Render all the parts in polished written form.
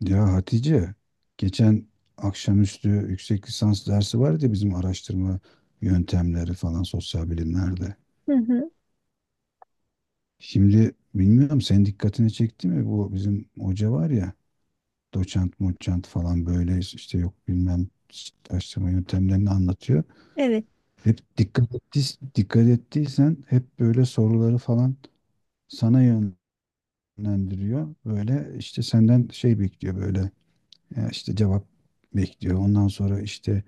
Ya Hatice, geçen akşamüstü yüksek lisans dersi vardı ya bizim araştırma yöntemleri falan sosyal bilimlerde. Hı hı. Şimdi bilmiyorum senin dikkatini çekti mi, bu bizim hoca var ya, doçent moçent falan böyle işte yok bilmem araştırma yöntemlerini anlatıyor. Evet. Hep dikkat ettiysen hep böyle soruları falan sana yönlendiriyor. Böyle işte senden şey bekliyor, böyle ya işte cevap bekliyor. Ondan sonra işte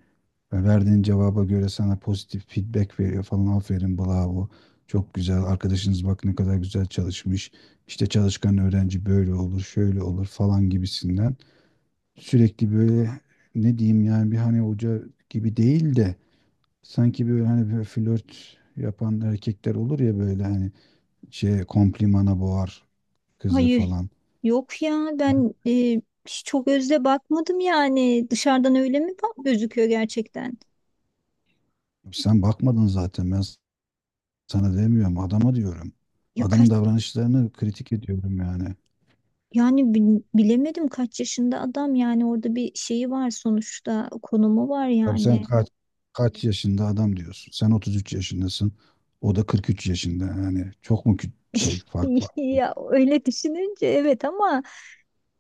ve verdiğin cevaba göre sana pozitif feedback veriyor falan. Aferin, bravo. Çok güzel. Arkadaşınız bak ne kadar güzel çalışmış. İşte çalışkan öğrenci böyle olur, şöyle olur falan gibisinden. Sürekli böyle, ne diyeyim yani, bir hani hoca gibi değil de sanki böyle hani böyle flört yapan erkekler olur ya, böyle hani şey komplimana boğar kızı Hayır. falan. Yok ya ben hiç çok özle bakmadım yani. Dışarıdan öyle mi bak gözüküyor gerçekten? Sen bakmadın zaten, ben sana demiyorum, adama diyorum. Ya kaç Adamın davranışlarını kritik ediyorum yani. yani bilemedim kaç yaşında adam yani orada bir şeyi var sonuçta konumu var Abi sen yani. kaç yaşında adam diyorsun. Sen 33 yaşındasın. O da 43 yaşında. Yani çok mu şey fark var? Ya öyle düşününce evet ama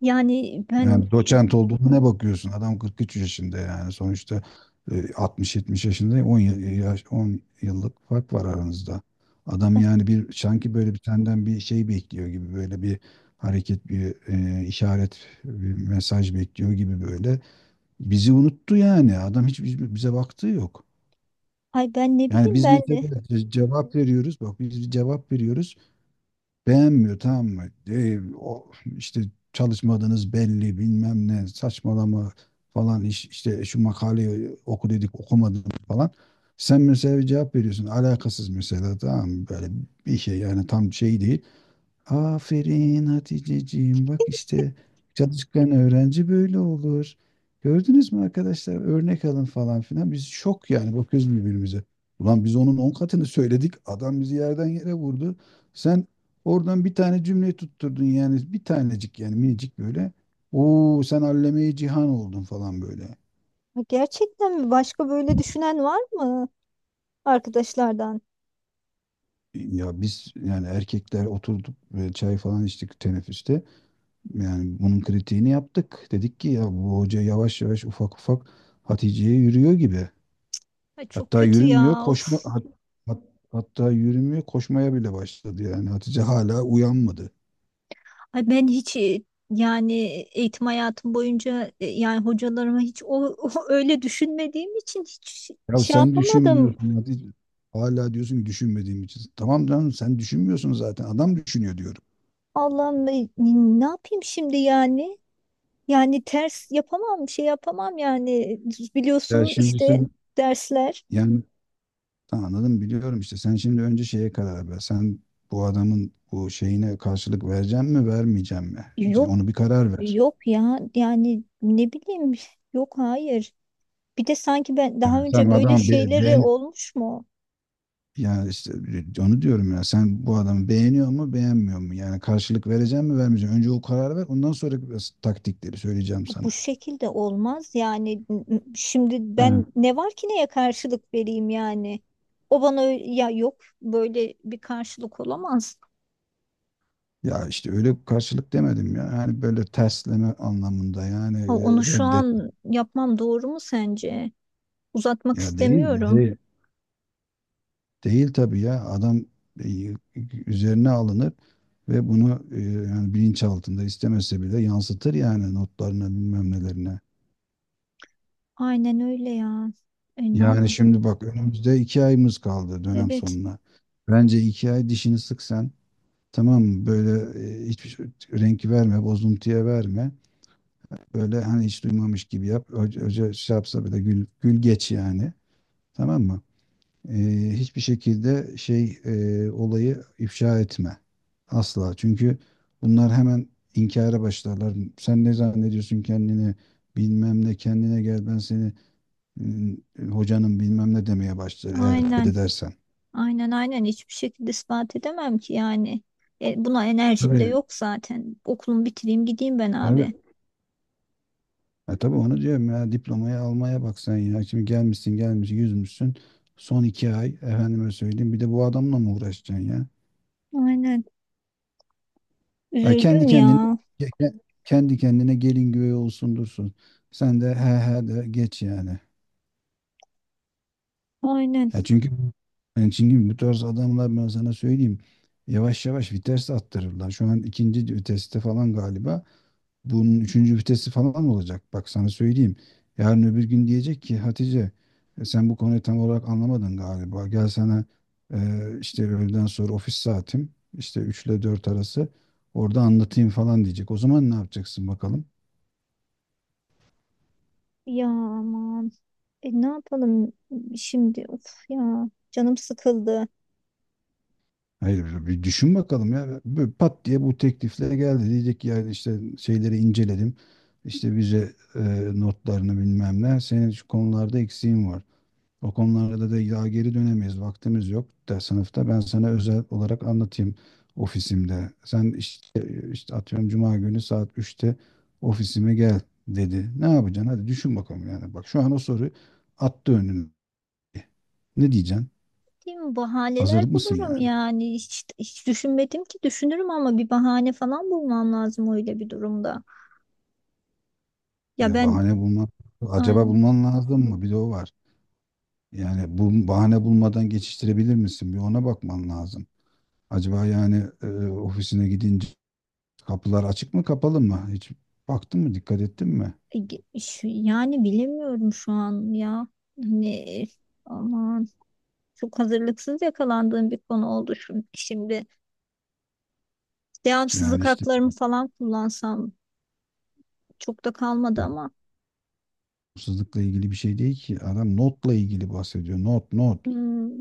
yani ben Yani doçent olduğuna ne bakıyorsun? Adam 43 yaşında yani sonuçta, 60-70 yaşında, 10 yıl, yaş, 10 yıllık fark var aranızda. Adam yani bir sanki böyle bir senden bir şey bekliyor gibi, böyle bir hareket, bir işaret, bir mesaj bekliyor gibi böyle. Bizi unuttu yani. Adam hiç hiç bize baktığı yok. ay ben ne Yani bileyim biz ben mesela de cevap veriyoruz. Bak biz bir cevap veriyoruz. Beğenmiyor, tamam mı? E, o, işte çalışmadınız belli, bilmem ne saçmalama falan, işte şu makaleyi oku dedik, okumadın falan. Sen mesela bir cevap veriyorsun alakasız mesela, tamam mı? Böyle bir şey yani, tam şey değil. Aferin Haticeciğim. Bak işte çalışkan öğrenci böyle olur. Gördünüz mü arkadaşlar? Örnek alın falan filan. Biz şok yani, bakıyoruz birbirimize. Ulan biz onun on katını söyledik, adam bizi yerden yere vurdu. Sen oradan bir tane cümle tutturdun yani, bir tanecik yani, minicik böyle. Oo sen alleme-i cihan oldun falan böyle. gerçekten mi başka böyle düşünen var mı arkadaşlardan? Ya biz yani erkekler oturduk ve çay falan içtik teneffüste. Yani bunun kritiğini yaptık. Dedik ki ya, bu hoca yavaş yavaş, ufak ufak Hatice'ye yürüyor gibi. Ay çok Hatta kötü yürümüyor ya. koşma Of. hat- hat- hatta yürümüyor, koşmaya bile başladı yani. Hatice hala uyanmadı. Ay ben hiç yani eğitim hayatım boyunca yani hocalarıma hiç o, öyle düşünmediğim için hiç Ya şey sen yapamadım. düşünmüyorsun Hatice. Hala diyorsun ki düşünmediğim için. Tamam canım, sen düşünmüyorsun zaten. Adam düşünüyor diyorum. Allah'ım ne yapayım şimdi yani? Yani ters yapamam, şey yapamam yani. Ya Biliyorsun şimdi işte sen dersler yani, tamam, anladım, biliyorum işte. Sen şimdi önce şeye karar ver. Sen bu adamın bu şeyine karşılık vereceğim mi vermeyeceğim mi? yok Onu bir karar ver. yok ya yani ne bileyim yok hayır. Bir de sanki ben daha Yani sen önce böyle adam şeyleri beğen olmuş mu? yani işte, onu diyorum ya, sen bu adamı beğeniyor mu beğenmiyor mu? Yani karşılık vereceğim mi vermeyeceğim? Önce o kararı ver, ondan sonra taktikleri söyleyeceğim sana. Bu şekilde olmaz yani şimdi He. ben ne var ki neye karşılık vereyim yani o bana ö- ya yok böyle bir karşılık olamaz. Ya işte öyle karşılık demedim ya. Yani böyle tersleme anlamında yani, Ha, onu şu reddet. an yapmam doğru mu sence? Uzatmak Ya değil, istemiyorum. değil, değil, tabii ya, adam e, üzerine alınır ve bunu yani bilinç altında istemese bile yansıtır yani, notlarına bilmem nelerine. Aynen öyle ya. E, ne yap? Yani şimdi bak, önümüzde iki ayımız kaldı dönem Evet. sonuna. Bence iki ay dişini sık sen. Tamam mı? Böyle e, hiçbir şey- renk verme, bozuntuya verme. Böyle hani hiç duymamış gibi yap. Hoca şey yapsa bile gül, gül geç yani. Tamam mı? E, hiçbir şekilde şey, olayı ifşa etme. Asla. Çünkü bunlar hemen inkara başlarlar. Sen ne zannediyorsun kendini? Bilmem ne, kendine gel, ben seni Hmm, hocanın bilmem ne demeye başlar eğer aynen reddedersen. aynen aynen hiçbir şekilde ispat edemem ki yani. E, buna enerjim de Tabii. yok zaten okulumu bitireyim gideyim ben Abi, abi. Tabii, onu diyorum ya, diplomayı almaya bak sen ya. Şimdi gelmişsin yüzmüşsün. Son iki ay, efendime söyleyeyim, bir de bu adamla mı uğraşacaksın ya? Aynen. Ha, kendi Üzüldüm kendine ya. ke- ke- kendi kendine gelin güvey olsun dursun. Sen de he he de geç yani. Aynen Ya yani çünkü bu tarz adamlar, ben sana söyleyeyim, yavaş yavaş vites attırırlar. Şu an ikinci viteste falan galiba. Bunun üçüncü vitesi falan olacak. Bak sana söyleyeyim. Yarın öbür gün diyecek ki Hatice, sen bu konuyu tam olarak anlamadın galiba. Gel sana e, işte öğleden sonra ofis saatim, işte 3 ile 4 arası, orada anlatayım falan diyecek. O zaman ne yapacaksın bakalım? ya. Aman, ne yapalım şimdi? Of ya canım sıkıldı. Hayır, bir düşün bakalım ya. Böyle pat diye bu teklifle geldi. Diyecek ki yani işte şeyleri inceledim. İşte bize, notlarını bilmem ne. Senin şu konularda eksiğin var. O konularda da ya geri dönemeyiz, vaktimiz yok da sınıfta. Ben sana özel olarak anlatayım ofisimde. Sen işte atıyorum cuma günü saat 3'te ofisime gel dedi. Ne yapacaksın? Hadi düşün bakalım yani. Bak şu an o soru attı önüne. Ne diyeceksin? Değil mi? Hazır Bahaneler mısın bulurum yani? yani. Hiç, hiç düşünmedim ki düşünürüm ama bir bahane falan bulmam lazım öyle bir durumda. Ya Ya ben acaba yani, bulman lazım mı? Bir de o var. Yani bu bahane bulmadan geçiştirebilir misin? Bir ona bakman lazım. Acaba yani ofisine gidince, kapılar açık mı kapalı mı? Hiç baktın mı, dikkat ettin mi? e, yani bilemiyorum şu an ya. Hani aman çok hazırlıksız yakalandığım bir konu oldu şimdi. Yani Devamsızlık işte haklarımı falan kullansam çok da kalmadı yani, ama. hırsızlıkla ilgili bir şey değil ki. Adam notla ilgili bahsediyor. Not, not. Hmm.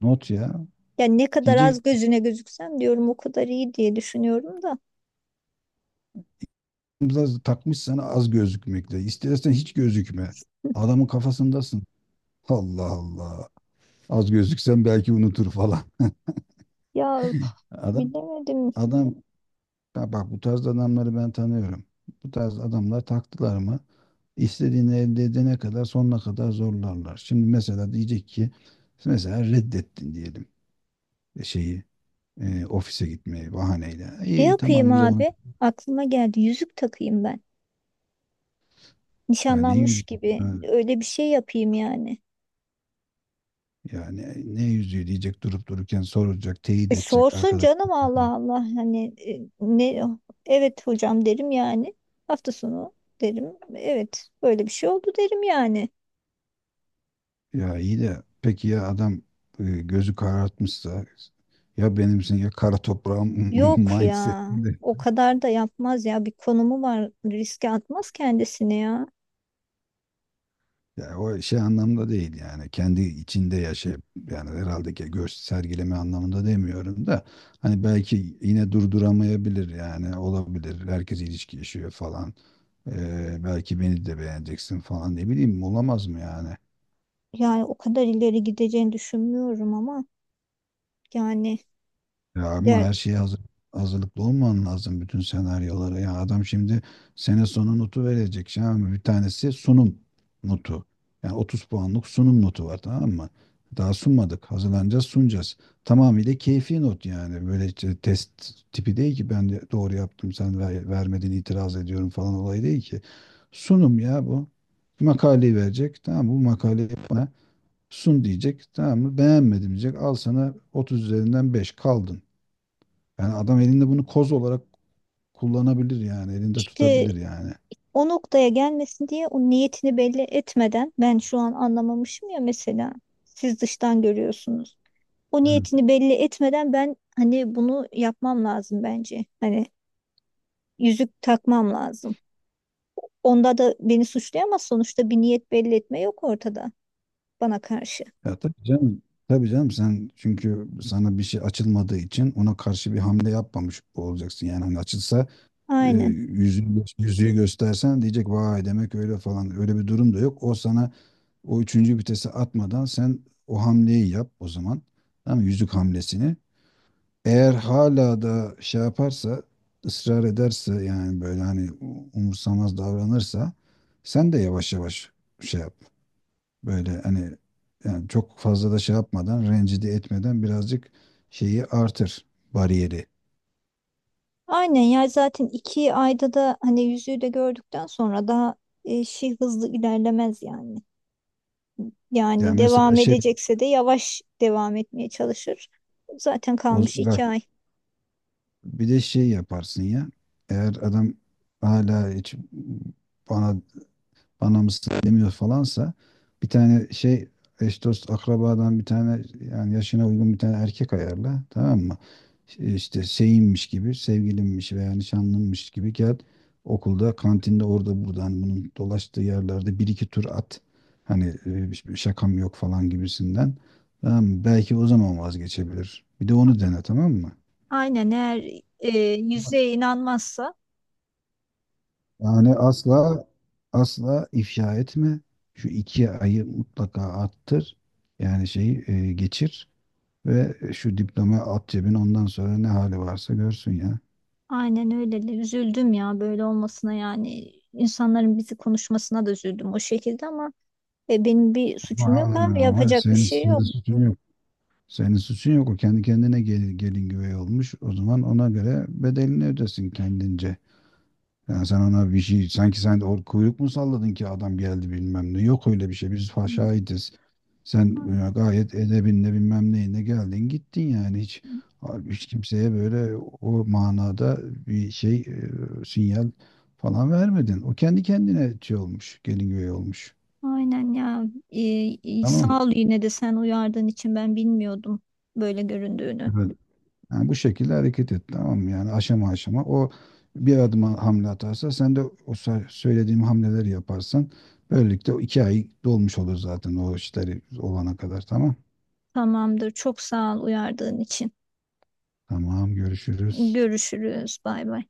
Not ya. Yani ne kadar Diyecek, az gözüne gözüksem diyorum o kadar iyi diye düşünüyorum da. biraz takmış sana az gözükmekle. İstersen hiç gözükme. Adamın kafasındasın. Allah Allah. Az gözüksen belki unutur falan. Ya üf, Adam bilemedim. adam Ya bak, bu tarz adamları ben tanıyorum. Bu tarz adamlar taktılar mı, istediğini elde edene kadar sonuna kadar zorlarlar. Şimdi mesela diyecek ki, mesela reddettin diyelim şeyi, ofise gitmeyi bahaneyle. Şey İyi, yapayım tamam, güzel onu. abi. Aklıma geldi. Yüzük takayım ben. Ya ne Nişanlanmış yüzü gibi. ha, Öyle bir şey yapayım yani. ya ne yüzüğü diyecek durup dururken, soracak, teyit E, edecek sorsun arkadaş. canım Allah Allah. Hani ne evet hocam derim yani. Hafta sonu derim. Evet böyle bir şey oldu derim yani. Ya iyi de peki ya adam gözü karartmışsa, ya benimsin ya kara toprağım Yok mindset. ya. O kadar da yapmaz ya. Bir konumu var. Riske atmaz kendisini ya. Ya o şey anlamda değil yani, kendi içinde yaşayıp, yani herhalde ki göç sergileme anlamında demiyorum da, hani belki yine durduramayabilir yani, olabilir, herkes ilişki yaşıyor falan. Belki beni de beğeneceksin falan, ne bileyim, olamaz mı yani? Yani o kadar ileri gideceğini düşünmüyorum ama yani Ya ama der, her şeye hazırlıklı olman lazım bütün senaryolara. Ya adam şimdi sene sonu notu verecek. Şimdi bir tanesi sunum notu. Yani 30 puanlık sunum notu var, tamam mı? Daha sunmadık. Hazırlanacağız, sunacağız. Tamamıyla keyfi not yani. Böyle işte test tipi değil ki, ben de doğru yaptım sen vermedin, itiraz ediyorum falan olay değil ki. Sunum ya bu. Makaleyi verecek. Tamam mı? Bu makaleyi bana sun diyecek. Tamam mı? Beğenmedim diyecek. Al sana 30 üzerinden beş, kaldın. Yani adam elinde bunu koz olarak kullanabilir yani, elinde işte tutabilir yani. o noktaya gelmesin diye o niyetini belli etmeden ben şu an anlamamışım ya mesela siz dıştan görüyorsunuz. O Hı. niyetini belli etmeden ben hani bunu yapmam lazım bence. Hani yüzük takmam lazım. Onda da beni suçlayamaz sonuçta bir niyet belli etme yok ortada bana karşı. Ya tabii canım. Tabii canım, sen çünkü sana bir şey açılmadığı için ona karşı bir hamle yapmamış olacaksın. Yani hani açılsa, Aynen. yüzüğü göstersen, diyecek vay demek öyle falan. Öyle bir durum da yok. O sana o üçüncü vitesi atmadan sen o hamleyi yap o zaman. Tamam mı? Yüzük hamlesini. Eğer hala da şey yaparsa, ısrar ederse yani, böyle hani umursamaz davranırsa, sen de yavaş yavaş şey yap. Böyle hani yani, çok fazla da şey yapmadan, rencide etmeden, birazcık şeyi artır, bariyeri. Aynen ya zaten 2 ayda da hani yüzüğü de gördükten sonra daha şey hızlı ilerlemez yani. Yani Yani mesela devam şey, edecekse de yavaş devam etmeye çalışır. Zaten o, kalmış bak 2 ay. bir de şey yaparsın ya. Eğer adam hala hiç bana bana mısın demiyor falansa, bir tane şey, eş dost akrabadan bir tane, yani yaşına uygun bir tane erkek ayarla, tamam mı? İşte şeyinmiş gibi, sevgilinmiş veya nişanlınmış gibi gel, okulda, kantinde, orada buradan bunun dolaştığı yerlerde bir iki tur at. Hani hiçbir şakam yok falan gibisinden. Tamam mı? Belki o zaman vazgeçebilir. Bir de onu dene, tamam mı? Aynen eğer yüzüğe inanmazsa Yani asla, asla ifşa etme. Şu iki ayı mutlaka attır. Yani şeyi geçir ve şu diplomayı at cebine, ondan sonra ne hali varsa görsün ya. aynen öyle de üzüldüm ya böyle olmasına yani insanların bizi konuşmasına da üzüldüm o şekilde ama benim bir Ama, suçum yok abi ama yapacak bir senin, şey senin yok. suçun yok. Senin suçun yok. O kendi kendine gelin güvey olmuş. O zaman ona göre bedelini ödesin kendince. Yani sen ona bir şey, sanki sen de kuyruk mu salladın ki adam geldi bilmem ne. Yok öyle bir şey. Biz şahidiz. Sen gayet edebinle bilmem neyine geldin gittin yani, hiç hiç kimseye böyle o manada bir şey, sinyal falan vermedin. O kendi kendine şey olmuş, gelin güvey olmuş. Aynen ya. Ee, Tamam. sağ ol yine de sen uyardığın için ben bilmiyordum böyle göründüğünü. Evet. Yani bu şekilde hareket et, tamam mı? Yani aşama aşama. O bir adım hamle atarsa sen de o söylediğim hamleleri yaparsan, böylelikle o iki ay dolmuş olur zaten, o işleri olana kadar, tamam. Tamamdır. Çok sağ ol uyardığın için. Tamam, görüşürüz. Görüşürüz. Bay bay.